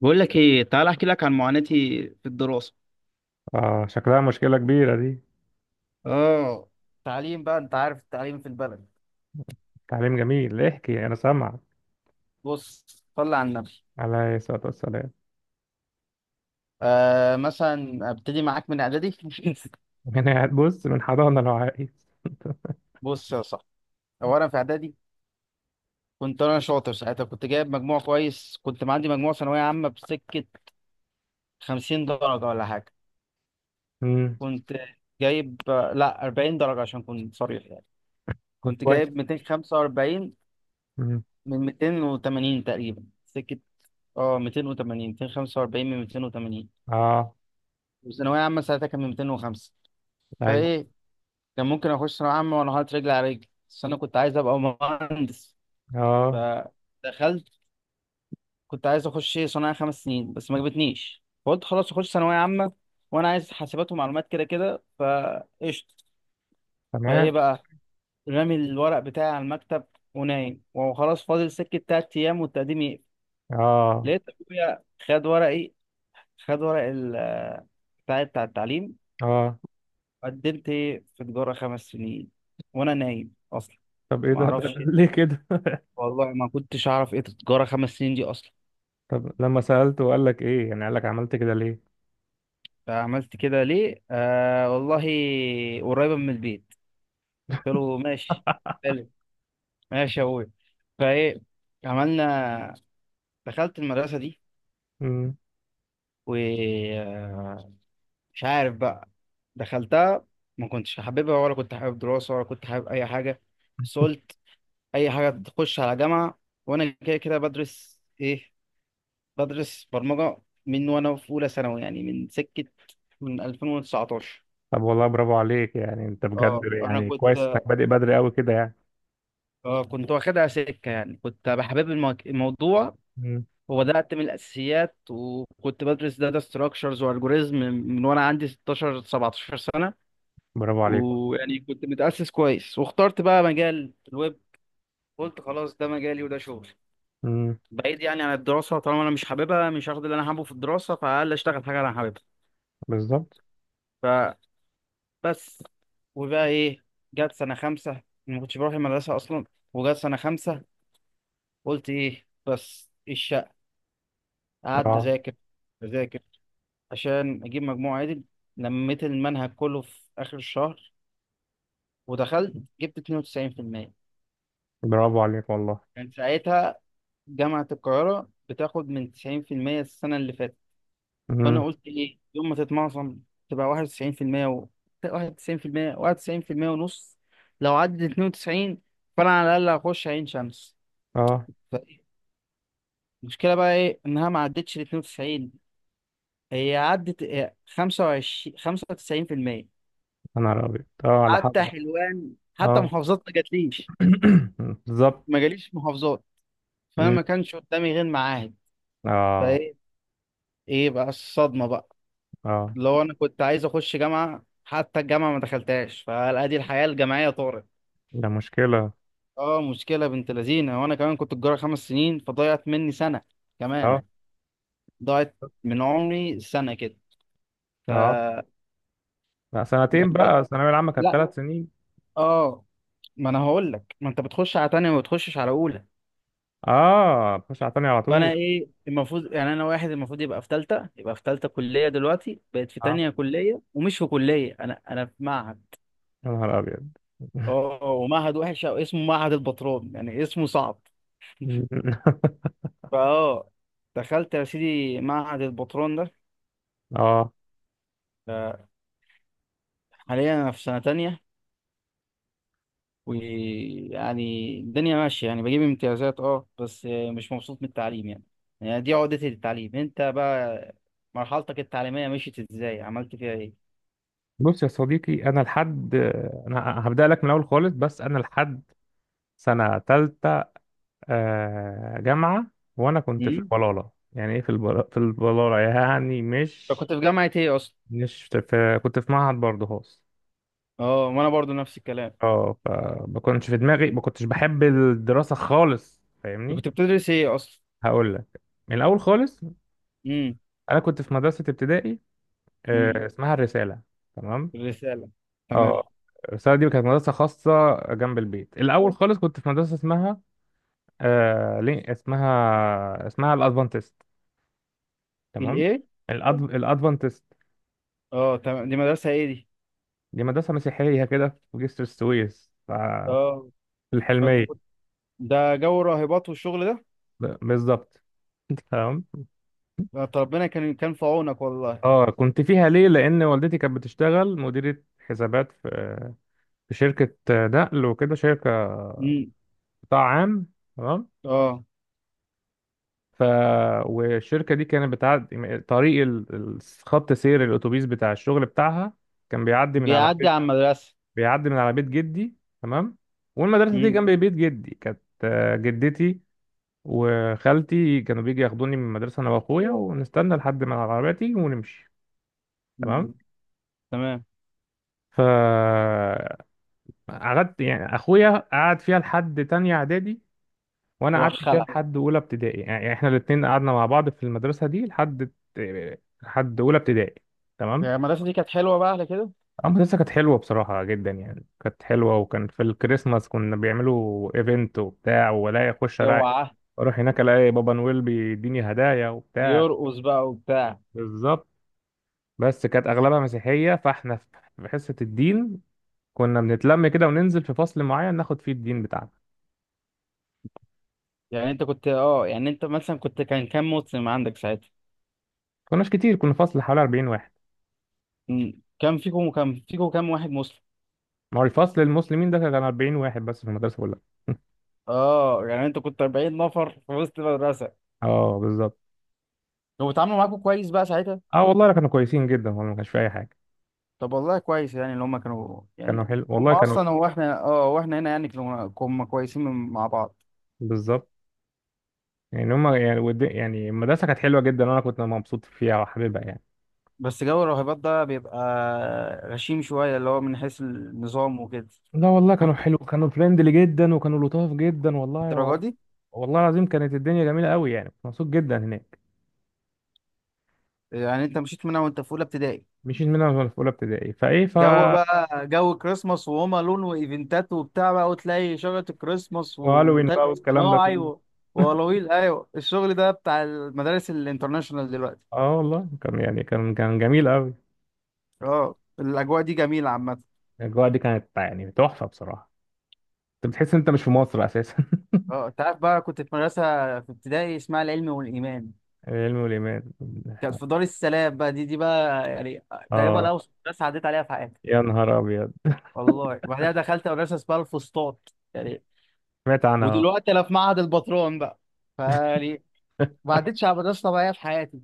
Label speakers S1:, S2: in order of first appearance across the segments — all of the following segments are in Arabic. S1: بقول لك ايه، تعال احكي لك عن معاناتي في الدراسه.
S2: اه، شكلها مشكلة كبيرة دي.
S1: اه، تعليم بقى، انت عارف التعليم في البلد.
S2: تعليم جميل، احكي انا سامع.
S1: بص، صلي على النبي.
S2: عليه الصلاة والسلام.
S1: مثلا ابتدي معاك من اعدادي.
S2: انا قاعد بص من حضانة لو عايز.
S1: بص يا صاحبي، اولا في اعدادي كنت انا شاطر، ساعتها كنت جايب مجموع كويس، كنت معدي مجموع ثانويه عامه بسكه 50 درجة درجه ولا حاجه.
S2: امم
S1: كنت جايب آه، لا 40 درجة درجه، عشان كنت صريح يعني.
S2: طب
S1: كنت
S2: كويس.
S1: جايب 245
S2: امم
S1: من 280 تقريبا سكه. اه، 280، 245 من 280.
S2: اه.
S1: وثانوية عامة ساعتها كان 205.
S2: ايوه.
S1: فإيه، كان ممكن أخش ثانوية عامة وأنا حاطط رجلي على رجلي، بس أنا كنت عايز أبقى مهندس.
S2: اه.
S1: فدخلت، كنت عايز أخش صناعة خمس سنين بس ما جابتنيش، فقلت خلاص أخش ثانوية عامة، وأنا عايز حاسبات ومعلومات كده كده فقشطة.
S2: تمام.
S1: فإيه بقى، رامي الورق بتاعي على المكتب ونايم وخلاص، فاضل سكة تلات أيام والتقديم يقفل.
S2: اه.
S1: لقيت أبويا خد ورقي، خد ورق بتاعي بتاع التعليم،
S2: اه.
S1: قدمت في تجارة خمس سنين وأنا نايم أصلا.
S2: طب ايه
S1: ما
S2: ده؟ ده
S1: أعرفش إيه.
S2: ليه كده؟
S1: والله ما كنتش أعرف إيه تجارة خمس سنين دي أصلا.
S2: طب لما سألته وقال لك ايه يعني، قال لك عملت كده ليه؟
S1: فعملت كده ليه؟ والله، قريبة من البيت. قلت له ماشي، حلو، ماشي يا أبوي. فإيه، عملنا، دخلت المدرسة دي
S2: امم
S1: ومش عارف بقى، دخلتها ما كنتش حاببها، ولا كنت حابب دراسة، ولا كنت حابب أي حاجة. بس قلت أي حاجة تخش على جامعة، وأنا كده كده بدرس إيه، بدرس برمجة من وأنا في أولى ثانوي، يعني من سكة، من 2019.
S2: طب والله برافو عليك يعني، انت بجد
S1: اه أنا
S2: يعني
S1: كنت،
S2: كويس انك بادئ بدري قوي كده يعني.
S1: اه كنت واخدها سكة يعني، كنت بحبب الموضوع،
S2: امم
S1: وبدأت من الأساسيات، وكنت بدرس داتا ستراكشرز والجوريزم من وأنا عندي 16 17 سنة.
S2: برافو عليك.
S1: ويعني كنت متأسس كويس، واخترت بقى مجال الويب، قلت خلاص ده مجالي وده شغلي.
S2: امم
S1: بعيد يعني عن الدراسة، طالما أنا مش حاببها، مش هاخد اللي أنا حابه في الدراسة، فعلى الأقل أشتغل حاجة أنا حاببها.
S2: بالظبط.
S1: بس، وبقى ايه، جت سنة خمسة ما كنتش بروح المدرسة أصلا. وجت سنة خمسة قلت ايه بس الشقة. قعدت
S2: اه،
S1: أذاكر أذاكر عشان أجيب مجموع عادل. لميت المنهج كله في آخر الشهر، ودخلت جبت 92%.
S2: برافو عليك والله.
S1: كان ساعتها جامعة القاهرة بتاخد من 90% السنة اللي فاتت.
S2: امم
S1: فأنا قلت ايه يوم ما تتمعصم، تبقى 91%، و 91% 91% ونص، لو عدت 92، فأنا على الأقل هخش عين شمس.
S2: اه،
S1: المشكلة بقى ايه، انها ما عدتش ال 92، هي عدت هي 25، 95%.
S2: انا ابيض، اه على حق.
S1: حتى حلوان، حتى
S2: اه.
S1: محافظات ما جاتليش،
S2: بالظبط.
S1: ما جاليش محافظات. فانا
S2: مم.
S1: ما كانش قدامي غير معاهد.
S2: اه.
S1: فايه، ايه بقى الصدمة بقى؟
S2: اه،
S1: لو انا كنت عايز اخش جامعة، حتى الجامعة ما دخلتهاش، فادي الحياة الجامعية طارت.
S2: ده مشكلة.
S1: اه، مشكلة بنت لذينة. وانا كمان كنت الجارة خمس سنين، فضيعت مني سنة
S2: اه.
S1: كمان، ضاعت من عمري سنة كده.
S2: اه،
S1: فدخلت،
S2: لا سنتين بقى، الثانوية العامة كانت
S1: لا
S2: ثلاث سنين.
S1: اه، ما انا هقول لك، ما انت بتخش على تانية وما بتخشش على اولى.
S2: اه، خش على تاني على طول.
S1: فانا ايه، المفروض يعني انا واحد المفروض يبقى في تالتة، يبقى في تالتة كلية، دلوقتي بقت في
S2: اه،
S1: تانية كلية، ومش في كلية، انا في معهد.
S2: يا نهار أبيض.
S1: اه، ومعهد وحش، او اسمه معهد البطرون يعني، اسمه صعب. فاه دخلت يا سيدي معهد البطرون ده.
S2: اه،
S1: آه، حاليا انا في سنة تانية، ويعني الدنيا ماشية يعني، بجيب امتيازات اه، بس مش مبسوط من التعليم يعني. يعني دي عقدتي للتعليم. انت بقى مرحلتك التعليمية مشيت ازاي، عملت فيها ايه؟
S2: بص يا صديقي، أنا لحد، أنا هبدأ لك من الأول خالص، بس أنا لحد سنة تالتة. جامعة. وأنا كنت في
S1: امم،
S2: البلالة، يعني إيه في البلالة؟ في البلالة يعني
S1: انت
S2: مش
S1: كنت في جامعة ايه اصلا؟
S2: مش في، كنت في معهد برضه.
S1: اه، وانا برضو نفس الكلام.
S2: اه، فما كنتش في دماغي، ما كنتش بحب الدراسة خالص،
S1: انت
S2: فاهمني.
S1: كنت بتدرس ايه اصلا؟
S2: هقول لك من الأول خالص.
S1: امم.
S2: أنا كنت في مدرسة ابتدائي،
S1: امم.
S2: اسمها الرسالة. تمام.
S1: الرسالة. تمام.
S2: اه، الرسالة دي كانت مدرسة خاصة جنب البيت. الأول خالص كنت في مدرسة اسمها آه، ليه اسمها اسمها الأدفانتست. تمام.
S1: الايه؟
S2: الأدفانتست.
S1: اه، تمام، دي مدرسة ايه دي؟
S2: دي مدرسة مسيحية كده في جسر السويس،
S1: اه،
S2: في
S1: فانت
S2: الحلمية.
S1: كنت، ده جو راهبات والشغل ده.
S2: بالظبط. تمام.
S1: ده أنت ربنا كان في عونك والله.
S2: اه، كنت فيها ليه؟ لان والدتي كانت بتشتغل مديرة حسابات في، في شركة نقل وكده، شركة
S1: امم.
S2: قطاع عام. تمام.
S1: اه،
S2: ف، والشركة دي كانت بتعدي طريق خط سير الاتوبيس بتاع الشغل بتاعها. كان بيعدي من على
S1: بيعدي
S2: بيت،
S1: على المدرسة.
S2: بيعدي من على بيت جدي. تمام. والمدرسة دي
S1: امم.
S2: جنب بيت جدي كانت، جدتي وخالتي كانوا بيجي ياخدوني من المدرسة انا واخويا، ونستنى لحد ما العربية تيجي ونمشي.
S1: أمم.
S2: تمام.
S1: تمام.
S2: ف، قعدت يعني، اخويا قعد فيها لحد تانية اعدادي، وانا
S1: روح
S2: قعدت فيها
S1: خلع.
S2: لحد اولى ابتدائي. يعني يعني احنا الاتنين قعدنا مع بعض في المدرسة دي لحد، لحد اولى ابتدائي. تمام.
S1: يعني المدرسة دي كانت حلوة بقى على كده.
S2: اه، المدرسة كانت حلوة بصراحة جدا، يعني كانت حلوة، وكان في الكريسماس كنا بيعملوا ايفنت وبتاع، ولا اخش الاقي،
S1: اوعى.
S2: اروح هناك الاقي بابا نويل بيديني هدايا وبتاع.
S1: بيرقص بقى وبتاع.
S2: بالظبط. بس كانت اغلبها مسيحية، فاحنا في، في حصة الدين كنا بنتلم كده وننزل في فصل معين ناخد فيه الدين بتاعنا.
S1: يعني انت كنت اه، يعني انت مثلا كنت، كان كام مسلم عندك ساعتها؟
S2: كناش كتير، كنا فصل حوالي 40 واحد.
S1: مم. كان فيكم كام واحد مسلم؟
S2: ما هو الفصل المسلمين ده كان 40 واحد بس في المدرسة كلها.
S1: اه، يعني انت كنت 40 نفر في وسط المدرسة.
S2: اه بالظبط.
S1: كانوا بيتعاملوا معاكم كويس بقى ساعتها؟
S2: اه والله كانوا كويسين جدا، والله ما كانش في اي حاجة.
S1: طب والله كويس، يعني اللي هم كانوا
S2: كانوا
S1: يعني،
S2: حلو
S1: هم
S2: والله، كانوا.
S1: اصلا، هو احنا اه، واحنا هنا يعني كنا كويسين مع بعض.
S2: بالظبط. يعني هما يعني، يعني المدرسة كانت حلوة جدا وانا كنت مبسوط فيها وحاببها يعني.
S1: بس جو الراهبات ده بيبقى غشيم شوية، اللي هو من حيث النظام وكده،
S2: لا والله كانوا حلو، كانوا فريندلي جدا وكانوا لطاف جدا والله و...
S1: الدرجة دي.
S2: والله العظيم كانت الدنيا جميلة قوي، يعني كنت مبسوط جدا هناك.
S1: يعني انت مشيت منها وانت في اولى ابتدائي؟
S2: مشيت منها وأنا في أولى ابتدائي، فإيه ف.
S1: جو بقى، جو كريسماس وهوم الون وايفنتات وبتاع بقى، وتلاقي شجره الكريسماس
S2: وهالوين بقى
S1: وتلج
S2: والكلام ده
S1: صناعي
S2: كله.
S1: وألاويل، ايوه الشغل ده بتاع المدارس الانترناشونال دلوقتي.
S2: اه والله كان، يعني كان، كان جميل قوي.
S1: اه الاجواء دي جميله عامه.
S2: الاجواء دي كانت يعني تحفه بصراحه. انت بتحس ان انت مش في مصر اساسا.
S1: اه، انت عارف بقى، كنت في مدرسه في ابتدائي اسمها العلم والايمان،
S2: العلم والايمان.
S1: كانت في دار السلام بقى. دي بقى يعني تقريبا
S2: اه،
S1: اوسط مدرسه عديت عليها في حياتي.
S2: يا نهار ابيض.
S1: والله، وبعدها دخلت مدرسه اسمها الفسطاط يعني،
S2: سمعت عنها.
S1: ودلوقتي انا في معهد البطرون بقى. ف، بعدتش عبدالس طبعية في حياتي.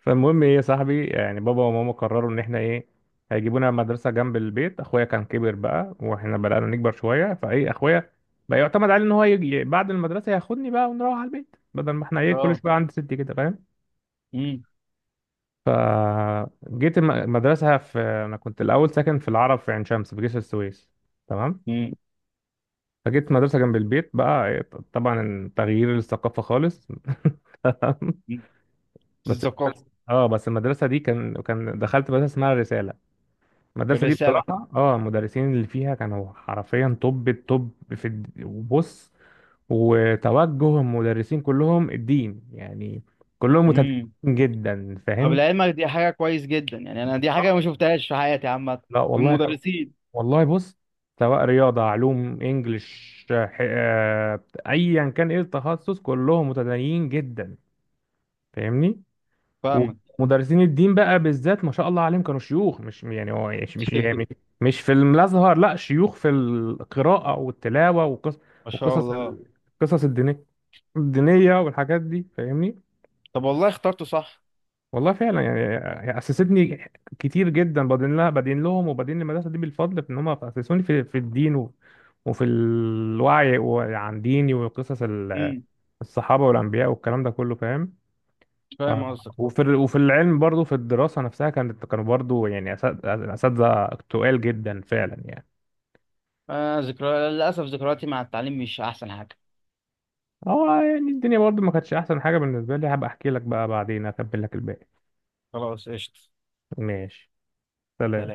S2: فالمهم ايه يا صاحبي، يعني بابا وماما قرروا ان احنا ايه، هيجيبونا مدرسه جنب البيت. اخويا كان كبر بقى، واحنا بدانا نكبر شويه، فايه، اخويا بقى يعتمد عليه ان هو يجي بعد المدرسه ياخدني بقى ونروح على البيت، بدل ما احنا ايه كل
S1: اه.
S2: شويه عند ستي كده، فاهم؟
S1: اه.
S2: فجيت المدرسه. في، انا كنت الاول ساكن في العرب في عين شمس في جسر السويس. تمام.
S1: اه.
S2: فجيت مدرسة جنب البيت بقى. طبعا تغيير الثقافة خالص. بس،
S1: الزقافة.
S2: اه بس المدرسة دي كان كان، دخلت مدرسة اسمها الرسالة. المدرسة دي
S1: الرسالة.
S2: بصراحة، اه، المدرسين اللي فيها كانوا حرفيا توب التوب في وبص، وتوجه المدرسين كلهم الدين يعني، كلهم متدينين
S1: اه.
S2: جدا،
S1: اه.
S2: فاهم؟
S1: بالعلم دي حاجة كويس جدا. يعني انا دي حاجة
S2: بالظبط.
S1: مش مفتحش في حياتي عامة.
S2: لا
S1: في
S2: والله كانوا،
S1: المدرسين.
S2: والله بص، سواء رياضة علوم انجلش ايا كان ايه التخصص، كلهم متدينين جدا، فاهمني؟
S1: فاهمت.
S2: ومدرسين الدين بقى بالذات ما شاء الله عليهم، كانوا شيوخ، مش يعني هو مش مش يعني مش في الازهر، لا شيوخ في القراءه والتلاوه والقصص،
S1: ما شاء
S2: وقصص
S1: الله.
S2: القصص الدينيه، الدينيه والحاجات دي، فاهمني؟
S1: طب والله اخترته صح.
S2: والله فعلا يعني، هي اسستني كتير جدا، بدين لها، بدين لهم، وبدين المدرسه دي بالفضل في ان هم اسسوني في، في الدين و، وفي الوعي عن ديني وقصص
S1: اه.
S2: الصحابه والانبياء والكلام ده كله، فاهم؟
S1: كيف
S2: آه.
S1: حاجة تكتب.
S2: وفي وفي العلم برضو، في الدراسة نفسها كانت، كانوا برضو يعني أساتذة تقال جدا فعلا يعني.
S1: اه، زكراتي للأسف، زكراتي مع التعليم مش احسن حاجة.
S2: هو يعني الدنيا برضو ما كانتش أحسن حاجة بالنسبة لي، هبقى أحكي لك بقى بعدين، أكمل لك الباقي.
S1: خلاص اشتف.
S2: ماشي، سلام.